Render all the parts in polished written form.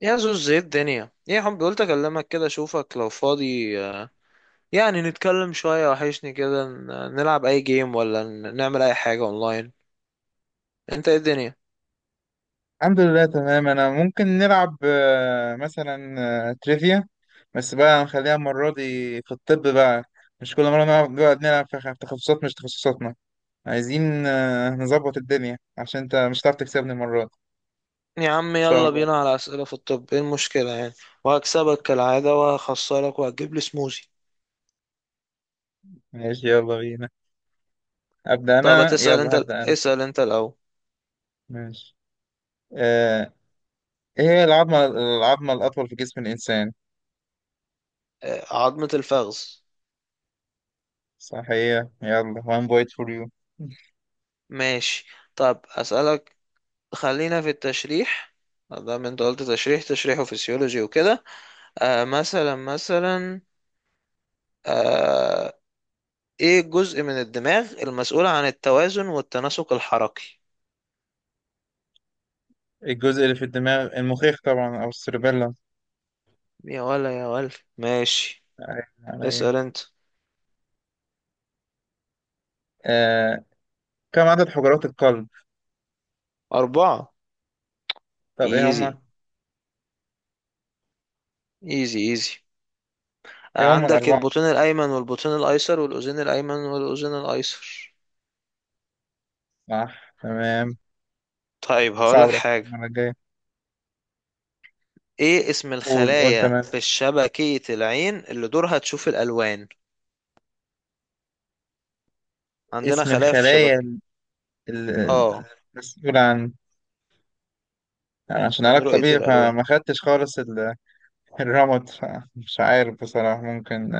يا زوز، ايه الدنيا؟ ايه يا حب؟ قلت اكلمك كده، اشوفك لو فاضي. يعني نتكلم شوية، وحشني كده. نلعب اي جيم، ولا نعمل اي حاجة اونلاين. انت ايه الدنيا؟ الحمد لله، تمام. انا ممكن نلعب مثلا تريفيا. بس بقى نخليها المرة دي في الطب بقى. مش كل مرة نقعد نلعب في في تخصصات مش تخصصاتنا. عايزين نظبط الدنيا عشان انت مش هتعرف تكسبني المرة دي. يا عم ان شاء يلا الله. بينا على اسئلة في الطب، ايه المشكلة يعني؟ وهكسبك كالعادة وهخسرك وهتجيب لي سموزي. ماشي، يلا بينا. ابدأ طب انا، هتسأل انت، يلا هبدأ انا. اسأل انت الاول. ماشي. آه، ايه هي العظمة الأطول في جسم الإنسان؟ عظمة الفخذ. صح، هي. يلا one point for you. ماشي. طب اسألك، خلينا في التشريح. ده انت قلت تشريح تشريح وفسيولوجي وكده. مثلا مثلا، آه، ايه الجزء من الدماغ المسؤول عن التوازن والتناسق الحركي؟ الجزء اللي في الدماغ المخيخ طبعا، أو السيربيلا. يا ولا يا ولا، ماشي. أيوة، عليا. اسأل انت. آه، كم عدد حجرات القلب؟ أربعة. طب ايه ايزي، هما؟ ايزي ايزي. ايه هما عندك الأربعة؟ البطين الأيمن والبطين الأيسر والأذين الأيمن والأذين الأيسر. صح، تمام. طيب صعب هقولك الأسئلة حاجة، المرة الجاية. ايه اسم قول، قول، الخلايا تمام. في شبكية العين اللي دورها تشوف الألوان؟ عندنا اسم خلايا في الخلايا شبكة. ال- ال- اه، المسؤولة عن، يعني عشان عن علاج رؤية طبيعي الألوان. فما خدتش خالص الرمد، فمش عارف بصراحة. ممكن.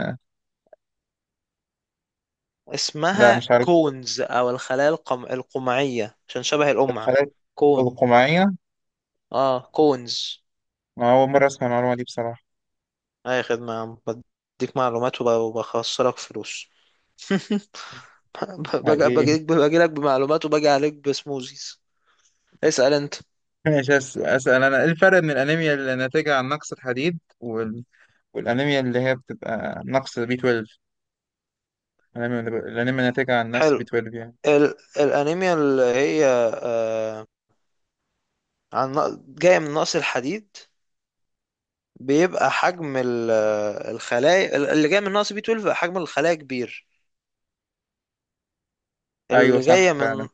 لا، اسمها مش عارف. كونز، أو الخلايا القمعية، عشان شبه القمع. الخلايا كون. القمعية. اه، كونز. ما أول مرة أسمع المعلومة دي بصراحة. اي خدمة يا عم، بديك معلومات وبخسرك فلوس. باجي حقيقي. باجي باجي لك بمعلومات، وباجي عليك بسموزيز. اسأل انت. ماشي، أسأل أنا. إيه الفرق بين الأنيميا اللي ناتجة عن نقص الحديد والأنيميا اللي هي بتبقى نقص بي 12؟ الأنيميا الأنيميا ناتجة عن نفس حلو. بي 12 يعني. الانيميا اللي هي، آه جاية من نقص الحديد، بيبقى حجم الخلايا. اللي جاية من نقص بي 12 بيبقى حجم الخلايا كبير. أيوة، اللي جاية صح فعلا. من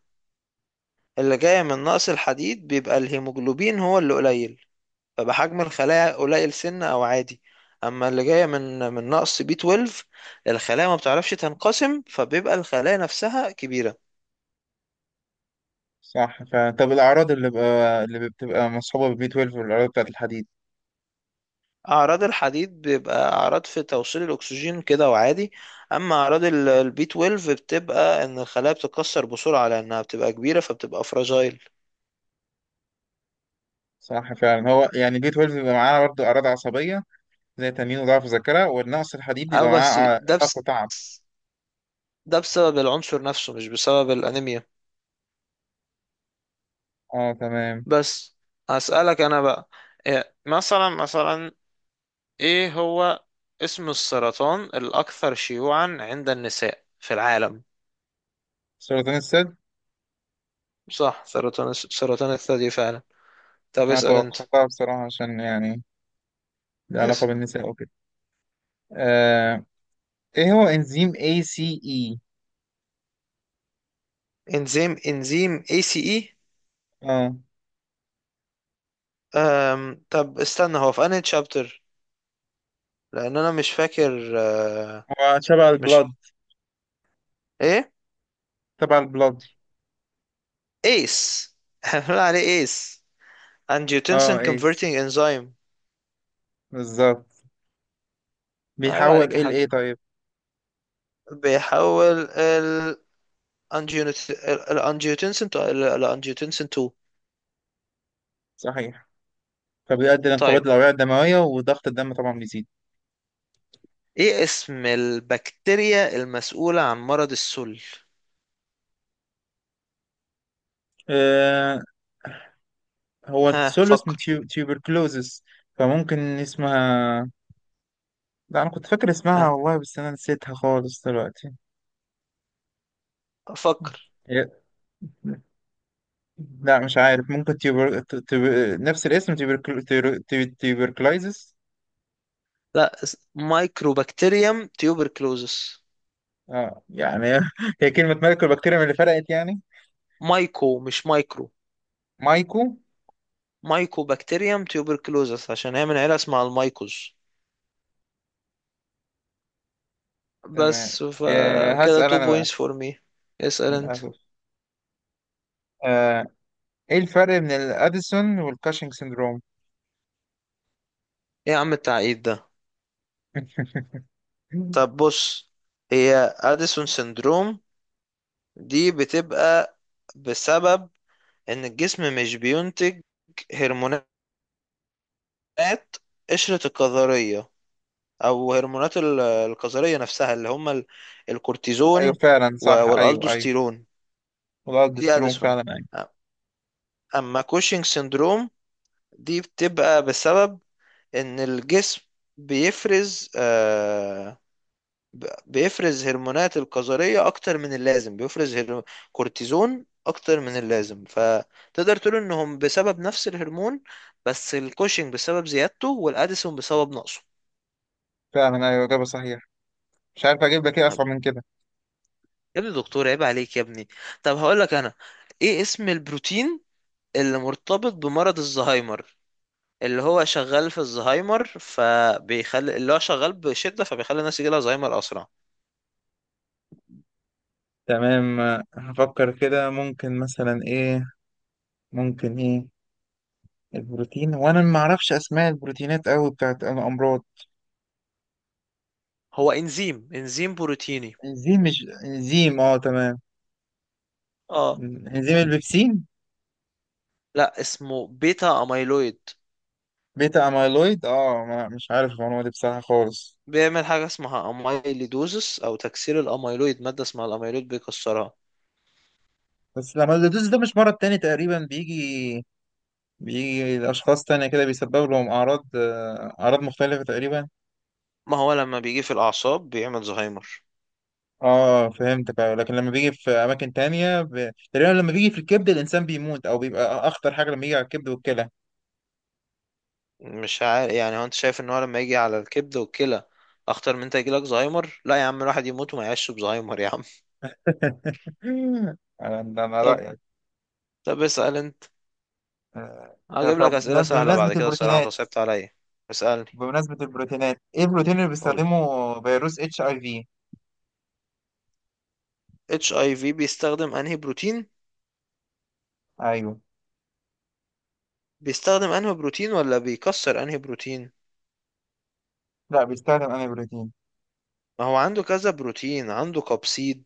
اللي جاية من نقص الحديد بيبقى الهيموجلوبين هو اللي قليل، فبحجم الخلايا قليل سن او عادي. اما اللي جايه من نقص بي 12، الخلايا ما بتعرفش تنقسم، فبيبقى الخلايا نفسها كبيره. صح فعلا. طب الأعراض اللي بتبقى مصحوبة بالبي 12، والأعراض بتاعة الحديد؟ اعراض الحديد بيبقى اعراض في توصيل الاكسجين كده وعادي. اما اعراض البي 12 بتبقى ان الخلايا بتتكسر بسرعه لانها بتبقى كبيره، فبتبقى فراجايل. صح فعلا. هو يعني البي 12 بيبقى معاه برضه أعراض عصبية زي تنين وضعف ذاكرة، والنقص الحديد او بيبقى بس، معاه ده إرهاق بس، وتعب. ده بسبب العنصر نفسه مش بسبب الانيميا. اه، تمام. بس، هسألك انا بقى. مثلا مثلا، ايه هو اسم السرطان الاكثر شيوعا عند النساء في العالم؟ سرطان الثدي. صح، سرطان الثدي فعلا. طب أنا اسأل انت. توقعتها بصراحة عشان يعني لها علاقة اسأل. بالنساء وكده. آه. إيه هو إنزيم ACE؟ انزيم اي سي اي. اه، طب استنى، هو في انهي تشابتر؟ لان انا مش فاكر. هو شبه البلاد، مش، ايه، تبع البلاد. ايس. بنقول عليه ايس، انجيوتنسين اه، ايس، كونفرتنج انزيم. بالظبط. عيب بيحول عليك يا ال حاج. ايه طيب؟ بيحول ال الانجيوتنسين الانجيوتنسين 2. صحيح، فبيؤدي لانقباض طيب الأوعية الدموية، وضغط الدم طبعا بيزيد. ايه اسم البكتيريا المسؤولة عن مرض السل؟ آه، هو ها السولوس من فكر. تيوبركلوزس، فممكن اسمها. لا، أنا كنت فاكر ها اسمها والله، بس أنا نسيتها خالص دلوقتي. فكر. هي- لا، مش عارف. ممكن نفس الاسم تيوبركلايزس. لا، مايكروبكتيريم تيوبركلوزس. اه يعني. هي كلمة ملك البكتيريا من اللي فرقت يعني. مايكو، مش مايكرو. مايكو. مايكو بكتيريم تيوبركلوزس، عشان هي من عيلة اسمها المايكوز. تمام. بس آه، فكده هسأل 2 أنا بقى. بوينتس فور مي. اسأل انت. للأسف. آه، إيه الفرق بين الأديسون والكاشنج سيندروم؟ ايه يا عم التعقيد ده؟ طب بص، هي اديسون سندروم، دي بتبقى بسبب ان الجسم مش بينتج هرمونات، هرمونات قشرة الكظرية، أو هرمونات الكظرية نفسها، اللي هما ايوه، الكورتيزون فعلا، صح. ايوه، ايوه. والألدوستيرون. دي والالدوستيرون، أديسون. فعلا، ايوه. أما كوشنج سيندروم، دي بتبقى بسبب إن الجسم بيفرز، بيفرز هرمونات الكظرية أكتر من اللازم، بيفرز كورتيزون أكتر من اللازم، فتقدر تقول إنهم بسبب نفس الهرمون، بس الكوشنج بسبب زيادته والأديسون بسبب نقصه. فعلا، ايوه، اجابه صحيحه. مش عارف اجيب لك ايه اصعب من كده. يا ابني دكتور، عيب عليك يا ابني. طب هقول لك انا، ايه اسم البروتين اللي مرتبط بمرض الزهايمر، اللي هو شغال في الزهايمر، فبيخلي، اللي هو شغال بشدة، فبيخلي الناس يجيلها زهايمر اسرع؟ تمام. هفكر كده. ممكن مثلا ايه؟ ممكن ايه البروتين؟ وانا ما اعرفش اسماء البروتينات قوي بتاعت الامراض. هو انزيم بروتيني. انزيم مش انزيم؟ اه، تمام. اه. انزيم البيبسين. لا، اسمه بيتا اميلويد. بيتا اميلويد؟ اه، ما مش عارف المعلومه دي بصراحه خالص. بيعمل حاجة اسمها اميليدوزس، او تكسير الاميلويد. مادة اسمها الاميلويد بيكسرها. بس الاميلودوز ده مش مرض تاني تقريبا بيجي؟ بيجي لاشخاص تانية كده، بيسبب لهم اعراض اعراض مختلفه تقريبا. ما هو لما بيجي في الاعصاب بيعمل زهايمر. اه، فهمتك، أيوة. لكن لما بيجي في اماكن تانية ب... تقريبا لما بيجي في الكبد الانسان بيموت، او بيبقى اخطر حاجة لما يجي على الكبد والكلى. مش عارف يعني، هو انت شايف ان هو لما يجي على الكبد والكلى اخطر من انت يجيلك زهايمر؟ لا يا عم، الواحد يموت وما يعيش بزهايمر يا عم. انا طب رايك. طب اسأل انت. آه، هجيب لك طب اسئلة سهلة بمناسبة بعد كده، الصراحة انت البروتينات. صعبت عليا. اسألني. بمناسبة البروتينات، ايه البروتين اللي قول. بيستخدمه فيروس اتش اي في؟ اتش اي في بيستخدم انهي بروتين؟ ايوه. بيستخدم انهي بروتين ولا بيكسر انهي بروتين؟ لا، بيستخدم انا بروتين. ما هو عنده كذا بروتين، عنده كابسيد،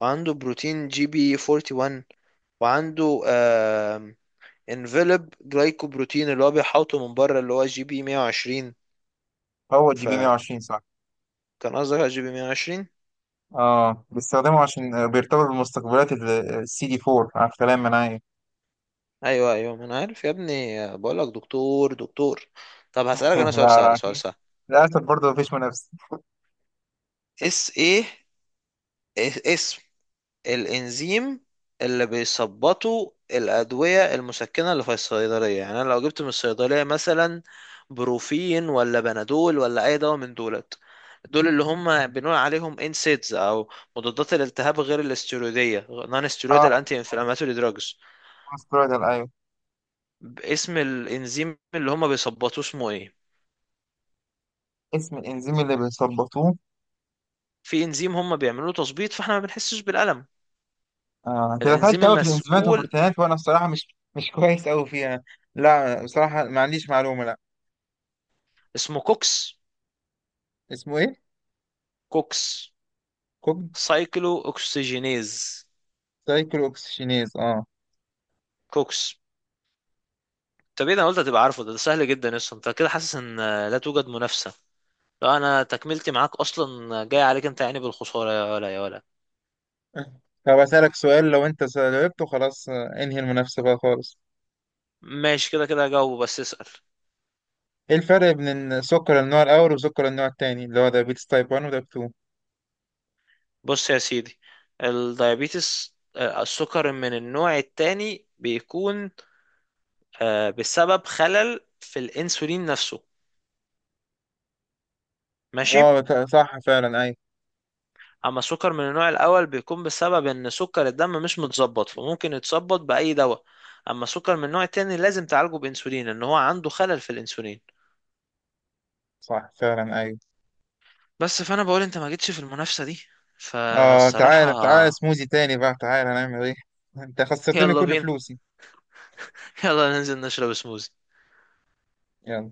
وعنده بروتين جي بي 41، وعنده انفلوب جلايكوبروتين اللي هو بيحوطه من بره، اللي هو جي بي 120. هو الجي بي 120، صح. كان قصدك على جي بي 120؟ اه، بيستخدمه عشان بيرتبط بمستقبلات السي دي 4 على كلام منايا. ايوه ايوه، ما انا عارف يا ابني، بقول لك دكتور، دكتور. طب هسألك انا سؤال لا. سهل، لا، سؤال سهل. للاسف برضه مفيش منافس. اس ايه، اسم الانزيم اللي بيثبطوا الادويه المسكنه اللي في الصيدليه. يعني انا لو جبت من الصيدليه مثلا بروفين ولا بنادول ولا اي دواء من دولت، دول اللي هم بنقول عليهم انسيدز، او مضادات الالتهاب غير الاستيرويديه، نون ستيرويدال اه، انتي انفلاماتوري دراجز. استرويدال، ايوه. اسم الانزيم اللي هم بيثبطوه اسمه ايه؟ اسم الانزيم اللي بيظبطوه. في انزيم هم بيعملوا تظبيط، فاحنا ما بنحسش بالألم. انت الانزيم دخلت قوي في الانزيمات المسؤول، والبروتينات، وانا الصراحه مش، مش كويس قوي فيها. لا، بصراحه ما عنديش معلومه، لا. اسمه كوكس. اسمه ايه؟ كوكس، كوب. سايكلو اوكسجينيز، سايكل اوكسجينيز، اه. كوكس. طب ايه ده، انا قلت هتبقى عارفه ده، ده سهل جدا اصلا. انت كده حاسس ان لا توجد منافسة؟ لو انا تكملتي معاك اصلا جاي عليك انت يعني بالخسارة. يا ولا يا ولا، طب اسالك سؤال، لو انت جاوبته خلاص انهي المنافسه بقى خالص. ماشي كده كده. جاوب بس، اسأل. ايه الفرق بين السكر النوع الاول وسكر النوع الثاني اللي هو دايابيتس تايب 1 وتايب 2؟ بص يا سيدي، الدايابيتس، السكر من النوع التاني بيكون، بسبب خلل في الانسولين نفسه. ماشي. اه، صح فعلا، ايوه. اما السكر من النوع الاول بيكون بسبب ان سكر الدم مش متظبط، فممكن يتظبط باي دواء. اما السكر من النوع التاني لازم تعالجه بانسولين، ان هو عنده خلل في الانسولين. صح فعلا، ايوه. بس، فانا بقول انت ما جيتش في المنافسة دي، اه، فالصراحة. تعالى تعالى سموزي تاني بقى، تعالى هنعمل ايه. انت خسرتني يلا كل بينا. فلوسي. يلا ننزل نشرب سموزي. يلا